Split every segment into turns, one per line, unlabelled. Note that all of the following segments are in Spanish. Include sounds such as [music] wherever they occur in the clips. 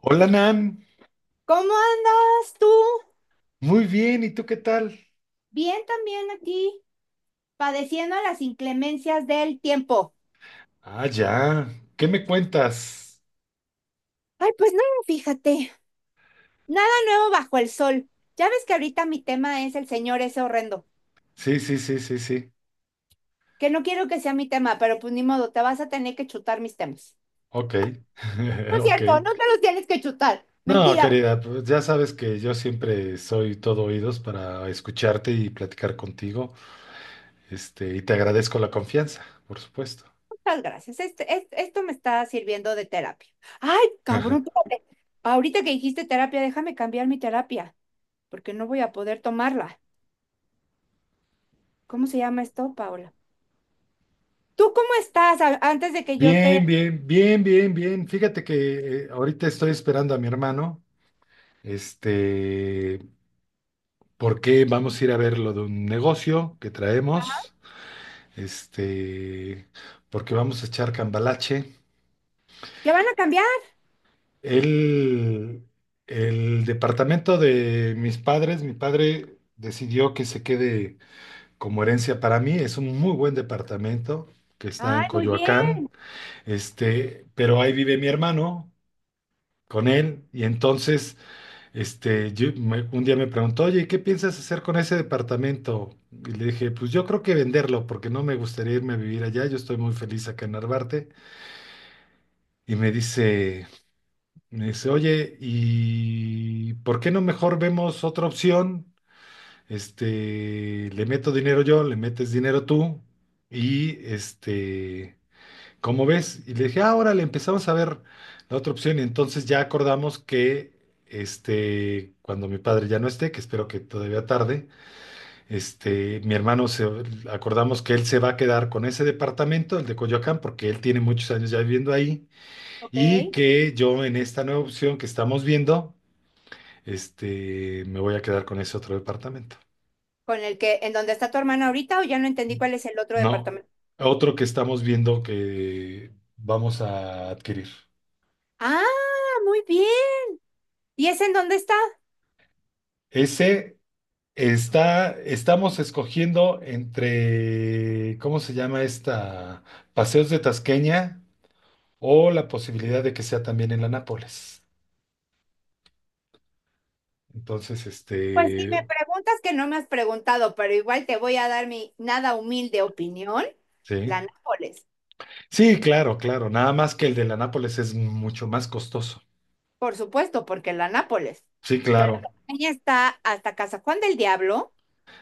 Hola Nan,
¿Cómo andas tú?
muy bien, ¿y tú qué tal?
Bien también aquí, padeciendo las inclemencias del tiempo.
Ah, ya, ¿qué me cuentas?
Ay, pues nada, fíjate, nada nuevo bajo el sol. Ya ves que ahorita mi tema es el señor ese horrendo,
Sí, sí, sí, sí, sí,
que no quiero que sea mi tema, pero pues ni modo, te vas a tener que chutar mis temas.
ok,
No
[laughs]
es
ok.
cierto, no te los tienes que chutar.
No,
Mentira,
querida, pues ya sabes que yo siempre soy todo oídos para escucharte y platicar contigo, y te agradezco la confianza, por supuesto.
muchas gracias. Esto me está sirviendo de terapia. Ay, cabrón,
[laughs]
espérate. Ahorita que dijiste terapia, déjame cambiar mi terapia, porque no voy a poder tomarla. ¿Cómo se llama esto, Paola? ¿Tú cómo estás antes de que yo te...
Bien, bien, bien, bien, bien. Fíjate que ahorita estoy esperando a mi hermano, este, porque vamos a ir a ver lo de un negocio que traemos. este, Porque vamos a echar cambalache.
¿Qué van a cambiar?
El, el departamento de mis padres, mi padre decidió que se quede como herencia para mí, es un muy buen departamento que está en
Ay, muy bien.
Coyoacán, pero ahí vive mi hermano con él y entonces, un día me preguntó, oye, ¿qué piensas hacer con ese departamento? Y le dije, pues yo creo que venderlo porque no me gustaría irme a vivir allá, yo estoy muy feliz acá en Narvarte. Y me dice, me dice, oye, ¿y por qué no mejor vemos otra opción? Le meto dinero yo, le metes dinero tú, y ¿cómo ves? Y le dije, ah, órale, empezamos a ver la otra opción, y entonces ya acordamos que, cuando mi padre ya no esté, que espero que todavía tarde, este, mi hermano se, acordamos que él se va a quedar con ese departamento, el de Coyoacán, porque él tiene muchos años ya viviendo ahí,
Ok.
y que yo en esta nueva opción que estamos viendo, me voy a quedar con ese otro departamento.
¿Con el que, en donde está tu hermana ahorita o ya no entendí cuál es el otro
No,
departamento?
otro que estamos viendo que vamos a adquirir.
Ah, muy bien. ¿Y ese en dónde está?
Ese estamos escogiendo entre, ¿cómo se llama esta? Paseos de Tasqueña o la posibilidad de que sea también en la Nápoles. Entonces,
Pues si me preguntas que no me has preguntado, pero igual te voy a dar mi nada humilde opinión. La
sí.
Nápoles,
Sí, claro, claro. Nada más que el de la Nápoles es mucho más costoso.
por supuesto, porque la Nápoles.
Sí,
Pero
claro.
la niña está hasta Casa Juan del Diablo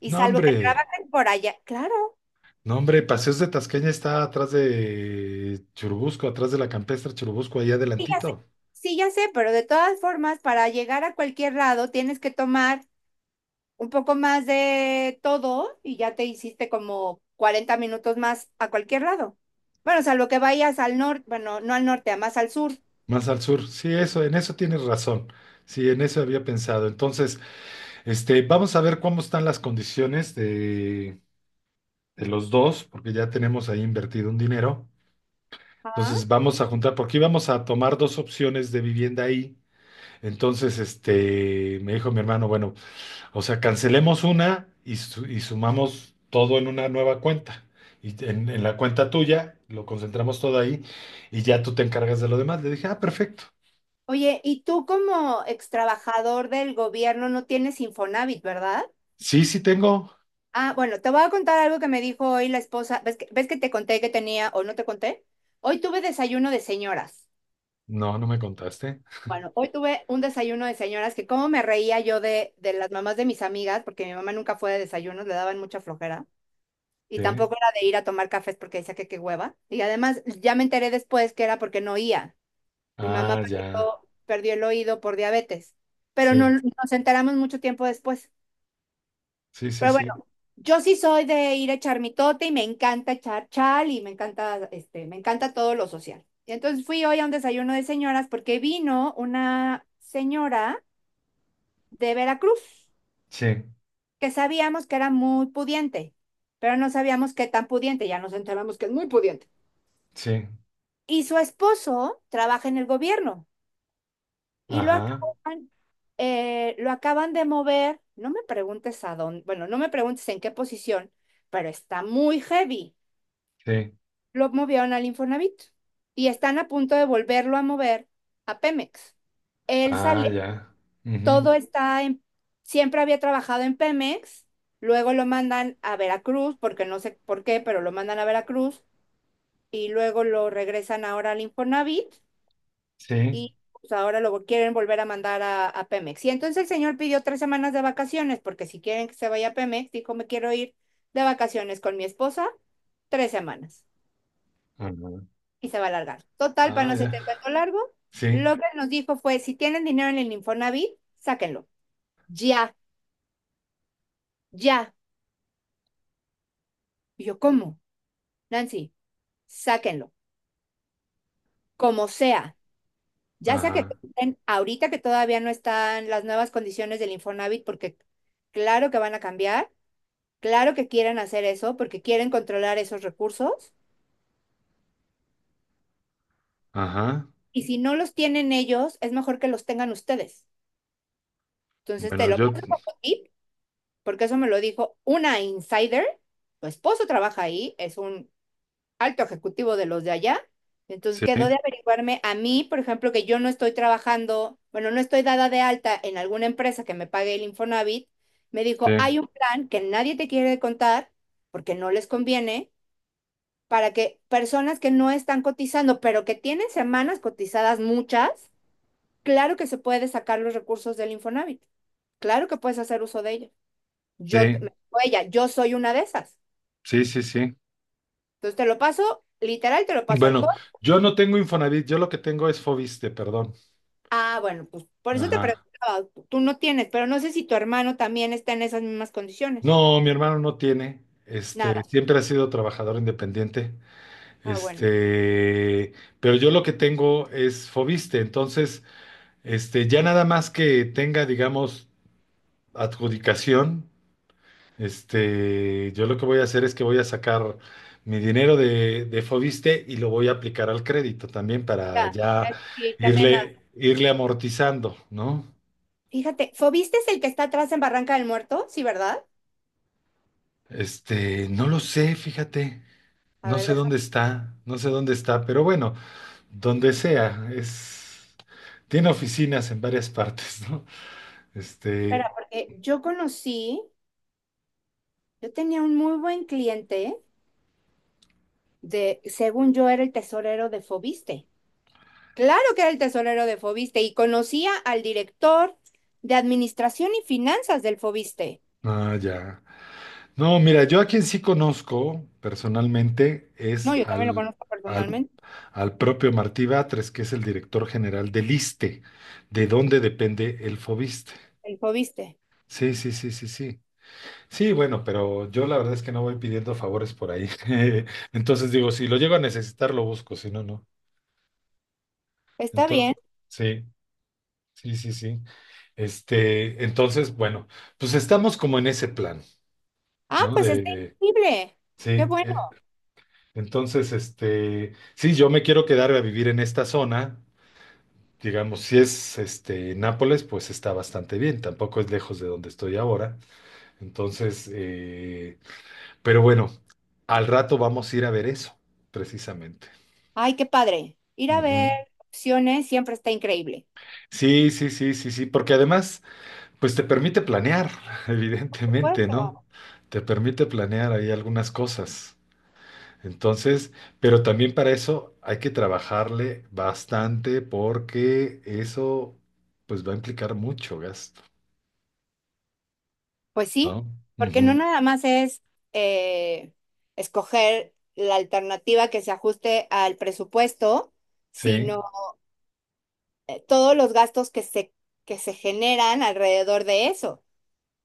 y
No,
salvo que
hombre,
trabajen por allá, claro.
no, hombre, Paseos de Tasqueña está atrás de Churubusco, atrás de la campestre Churubusco, ahí
Sí, ya sé,
adelantito,
sí, ya sé, pero de todas formas, para llegar a cualquier lado tienes que tomar un poco más de todo y ya te hiciste como 40 minutos más a cualquier lado. Bueno, salvo que vayas al norte, bueno, no al norte, a más al sur.
más al sur. Sí, eso, en eso tienes razón. Sí, en eso había pensado. Entonces, vamos a ver cómo están las condiciones de los dos, porque ya tenemos ahí invertido un dinero.
Ah.
Entonces, vamos a juntar, porque íbamos a tomar dos opciones de vivienda ahí. Entonces, me dijo mi hermano, bueno, o sea, cancelemos una y sumamos todo en una nueva cuenta. En la cuenta tuya lo concentramos todo ahí y ya tú te encargas de lo demás. Le dije, ah, perfecto.
Oye, y tú como ex trabajador del gobierno no tienes Infonavit, ¿verdad?
Sí, sí tengo.
Ah, bueno, te voy a contar algo que me dijo hoy la esposa. Ves que te conté que tenía o no te conté? Hoy tuve desayuno de señoras.
No, no me contaste.
Bueno, hoy tuve un desayuno de señoras que cómo me reía yo de las mamás de mis amigas, porque mi mamá nunca fue de desayunos, le daban mucha flojera. Y
Sí.
tampoco era de ir a tomar cafés porque decía que qué hueva. Y además ya me enteré después que era porque no oía. Mi mamá
Ah,
perdió,
ya.
perdió el oído por diabetes, pero no
Sí,
nos enteramos mucho tiempo después.
sí, sí,
Pero
sí.
bueno, yo sí soy de ir a echar mitote y me encanta echar chal y me encanta, me encanta todo lo social. Y entonces fui hoy a un desayuno de señoras porque vino una señora de Veracruz,
Sí,
que sabíamos que era muy pudiente, pero no sabíamos qué tan pudiente, ya nos enteramos que es muy pudiente.
sí.
Y su esposo trabaja en el gobierno y
Ajá.
lo acaban de mover, no me preguntes a dónde, bueno, no me preguntes en qué posición, pero está muy heavy.
Sí.
Lo movieron al Infonavit y están a punto de volverlo a mover a Pemex. Él
Ah,
salió
ya. Ujú.
todo está en, siempre había trabajado en Pemex, luego lo mandan a Veracruz, porque no sé por qué, pero lo mandan a Veracruz y luego lo regresan ahora al Infonavit
Sí.
y pues, ahora lo quieren volver a mandar a Pemex. Y entonces el señor pidió 3 semanas de vacaciones, porque si quieren que se vaya a Pemex, dijo, me quiero ir de vacaciones con mi esposa, 3 semanas
Ajá.
y se va a alargar. Total, para
Ah,
no se
ya.
te cuento largo,
Sí.
lo que nos dijo fue, si tienen dinero en el Infonavit, sáquenlo. Ya, ya. Y yo, ¿cómo? Nancy, sáquenlo, como sea. Ya sea que
Ajá.
estén ahorita que todavía no están las nuevas condiciones del Infonavit, porque claro que van a cambiar, claro que quieren hacer eso, porque quieren controlar esos recursos.
Ajá.
Y si no los tienen ellos, es mejor que los tengan ustedes. Entonces te
Bueno,
lo
yo.
paso como tip, porque eso me lo dijo una insider. Tu esposo trabaja ahí, es un alto ejecutivo de los de allá. Entonces
Sí,
quedó
sí,
de averiguarme a mí, por ejemplo, que yo no estoy trabajando, bueno, no estoy dada de alta en alguna empresa que me pague el Infonavit. Me dijo, hay un plan que nadie te quiere contar porque no les conviene para que personas que no están cotizando, pero que tienen semanas cotizadas muchas, claro que se puede sacar los recursos del Infonavit. Claro que puedes hacer uso de ellos. Yo,
sí.
ella, yo soy una de esas.
Sí, sí, sí.
Entonces te lo paso, literal, te lo paso al.
Bueno, yo no tengo Infonavit, yo lo que tengo es Foviste, perdón.
Ah, bueno, pues por eso te
Ajá.
preguntaba, tú no tienes, pero no sé si tu hermano también está en esas mismas condiciones.
No, mi hermano no tiene.
Nada.
Siempre ha sido trabajador independiente.
Ah, bueno.
Este, pero yo lo que tengo es Foviste, entonces, ya nada más que tenga, digamos, adjudicación, yo lo que voy a hacer es que voy a sacar mi dinero de Foviste y lo voy a aplicar al crédito también
Ya,
para ya
sí, también nada.
irle amortizando, ¿no?
Fíjate, ¿Fobiste es el que está atrás en Barranca del Muerto? Sí, ¿verdad?
No lo sé, fíjate,
A
no
ver,
sé
deja.
dónde está, no sé dónde está, pero bueno, donde sea, es, tiene oficinas en varias [laughs] partes, ¿no?
Espera,
Este,
porque yo conocí, yo tenía un muy buen cliente de, según yo, era el tesorero de Fobiste. Claro que era el tesorero de Fobiste y conocía al director de Administración y Finanzas del Fobiste.
ah, ya. No, mira, yo a quien sí conozco personalmente
No,
es
yo también lo conozco
al,
personalmente,
al propio Martí Batres, que es el director general del ISSSTE, de donde depende el Fobiste.
el Fobiste.
Sí, sí, sí, sí, sí. Sí, bueno, pero yo la verdad es que no voy pidiendo favores por ahí. [laughs] Entonces digo, si lo llego a necesitar, lo busco, si no, no.
Está
Entonces,
bien.
sí, sí, sí, sí. Entonces, bueno, pues estamos como en ese plan,
Ah,
¿no?
pues está increíble.
Sí,
Qué bueno.
eh, entonces, sí, yo me quiero quedar a vivir en esta zona, digamos, si es, Nápoles, pues está bastante bien, tampoco es lejos de donde estoy ahora, entonces, pero bueno, al rato vamos a ir a ver eso, precisamente.
Ay, qué padre. Ir a ver
Ujú.
opciones siempre está increíble.
Sí, sí, sí, sí, sí, porque además, pues te permite planear, [laughs]
Por
evidentemente, ¿no?
supuesto.
Te permite planear ahí algunas cosas. Entonces, pero también para eso hay que trabajarle bastante porque eso, pues va a implicar mucho gasto,
Pues sí,
¿no?
porque no
Ujú.
nada más es eh, escoger la alternativa que se ajuste al presupuesto,
Sí,
sino todos los gastos que se generan alrededor de eso.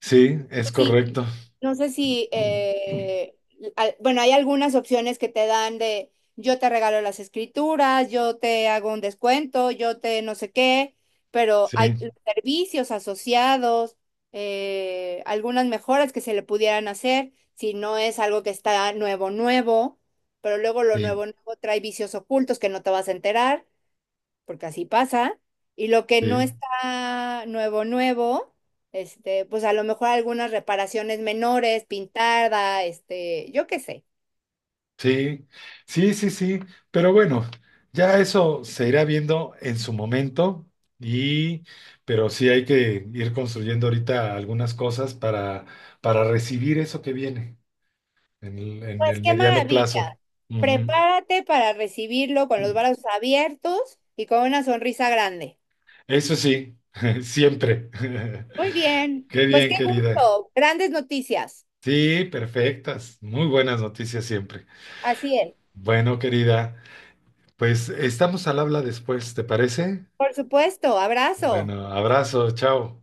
sí, es
Pues sí,
correcto.
no sé si, bueno, hay algunas opciones que te dan de yo te regalo las escrituras, yo te hago un descuento, yo te no sé qué, pero
Sí,
hay servicios asociados, algunas mejoras que se le pudieran hacer si no es algo que está nuevo, nuevo, pero luego lo
sí,
nuevo, nuevo trae vicios ocultos que no te vas a enterar porque así pasa, y lo que no
sí.
está nuevo, nuevo, pues a lo mejor algunas reparaciones menores, pintada, yo qué sé.
Sí, sí, sí, sí, pero bueno, ya eso se irá viendo en su momento y, pero sí hay que ir construyendo ahorita algunas cosas para recibir eso que viene en
Pues
el
qué
mediano
maravilla.
plazo.
Prepárate para recibirlo con
Ujú.
los brazos abiertos y con una sonrisa grande.
Eso sí, [laughs] siempre.
Muy
[laughs]
bien,
Qué
pues
bien,
qué
querida.
gusto, grandes noticias.
Sí, perfectas, muy buenas noticias siempre.
Así es.
Bueno, querida, pues estamos al habla después, ¿te parece?
Por supuesto, abrazo.
Bueno, abrazo, chao.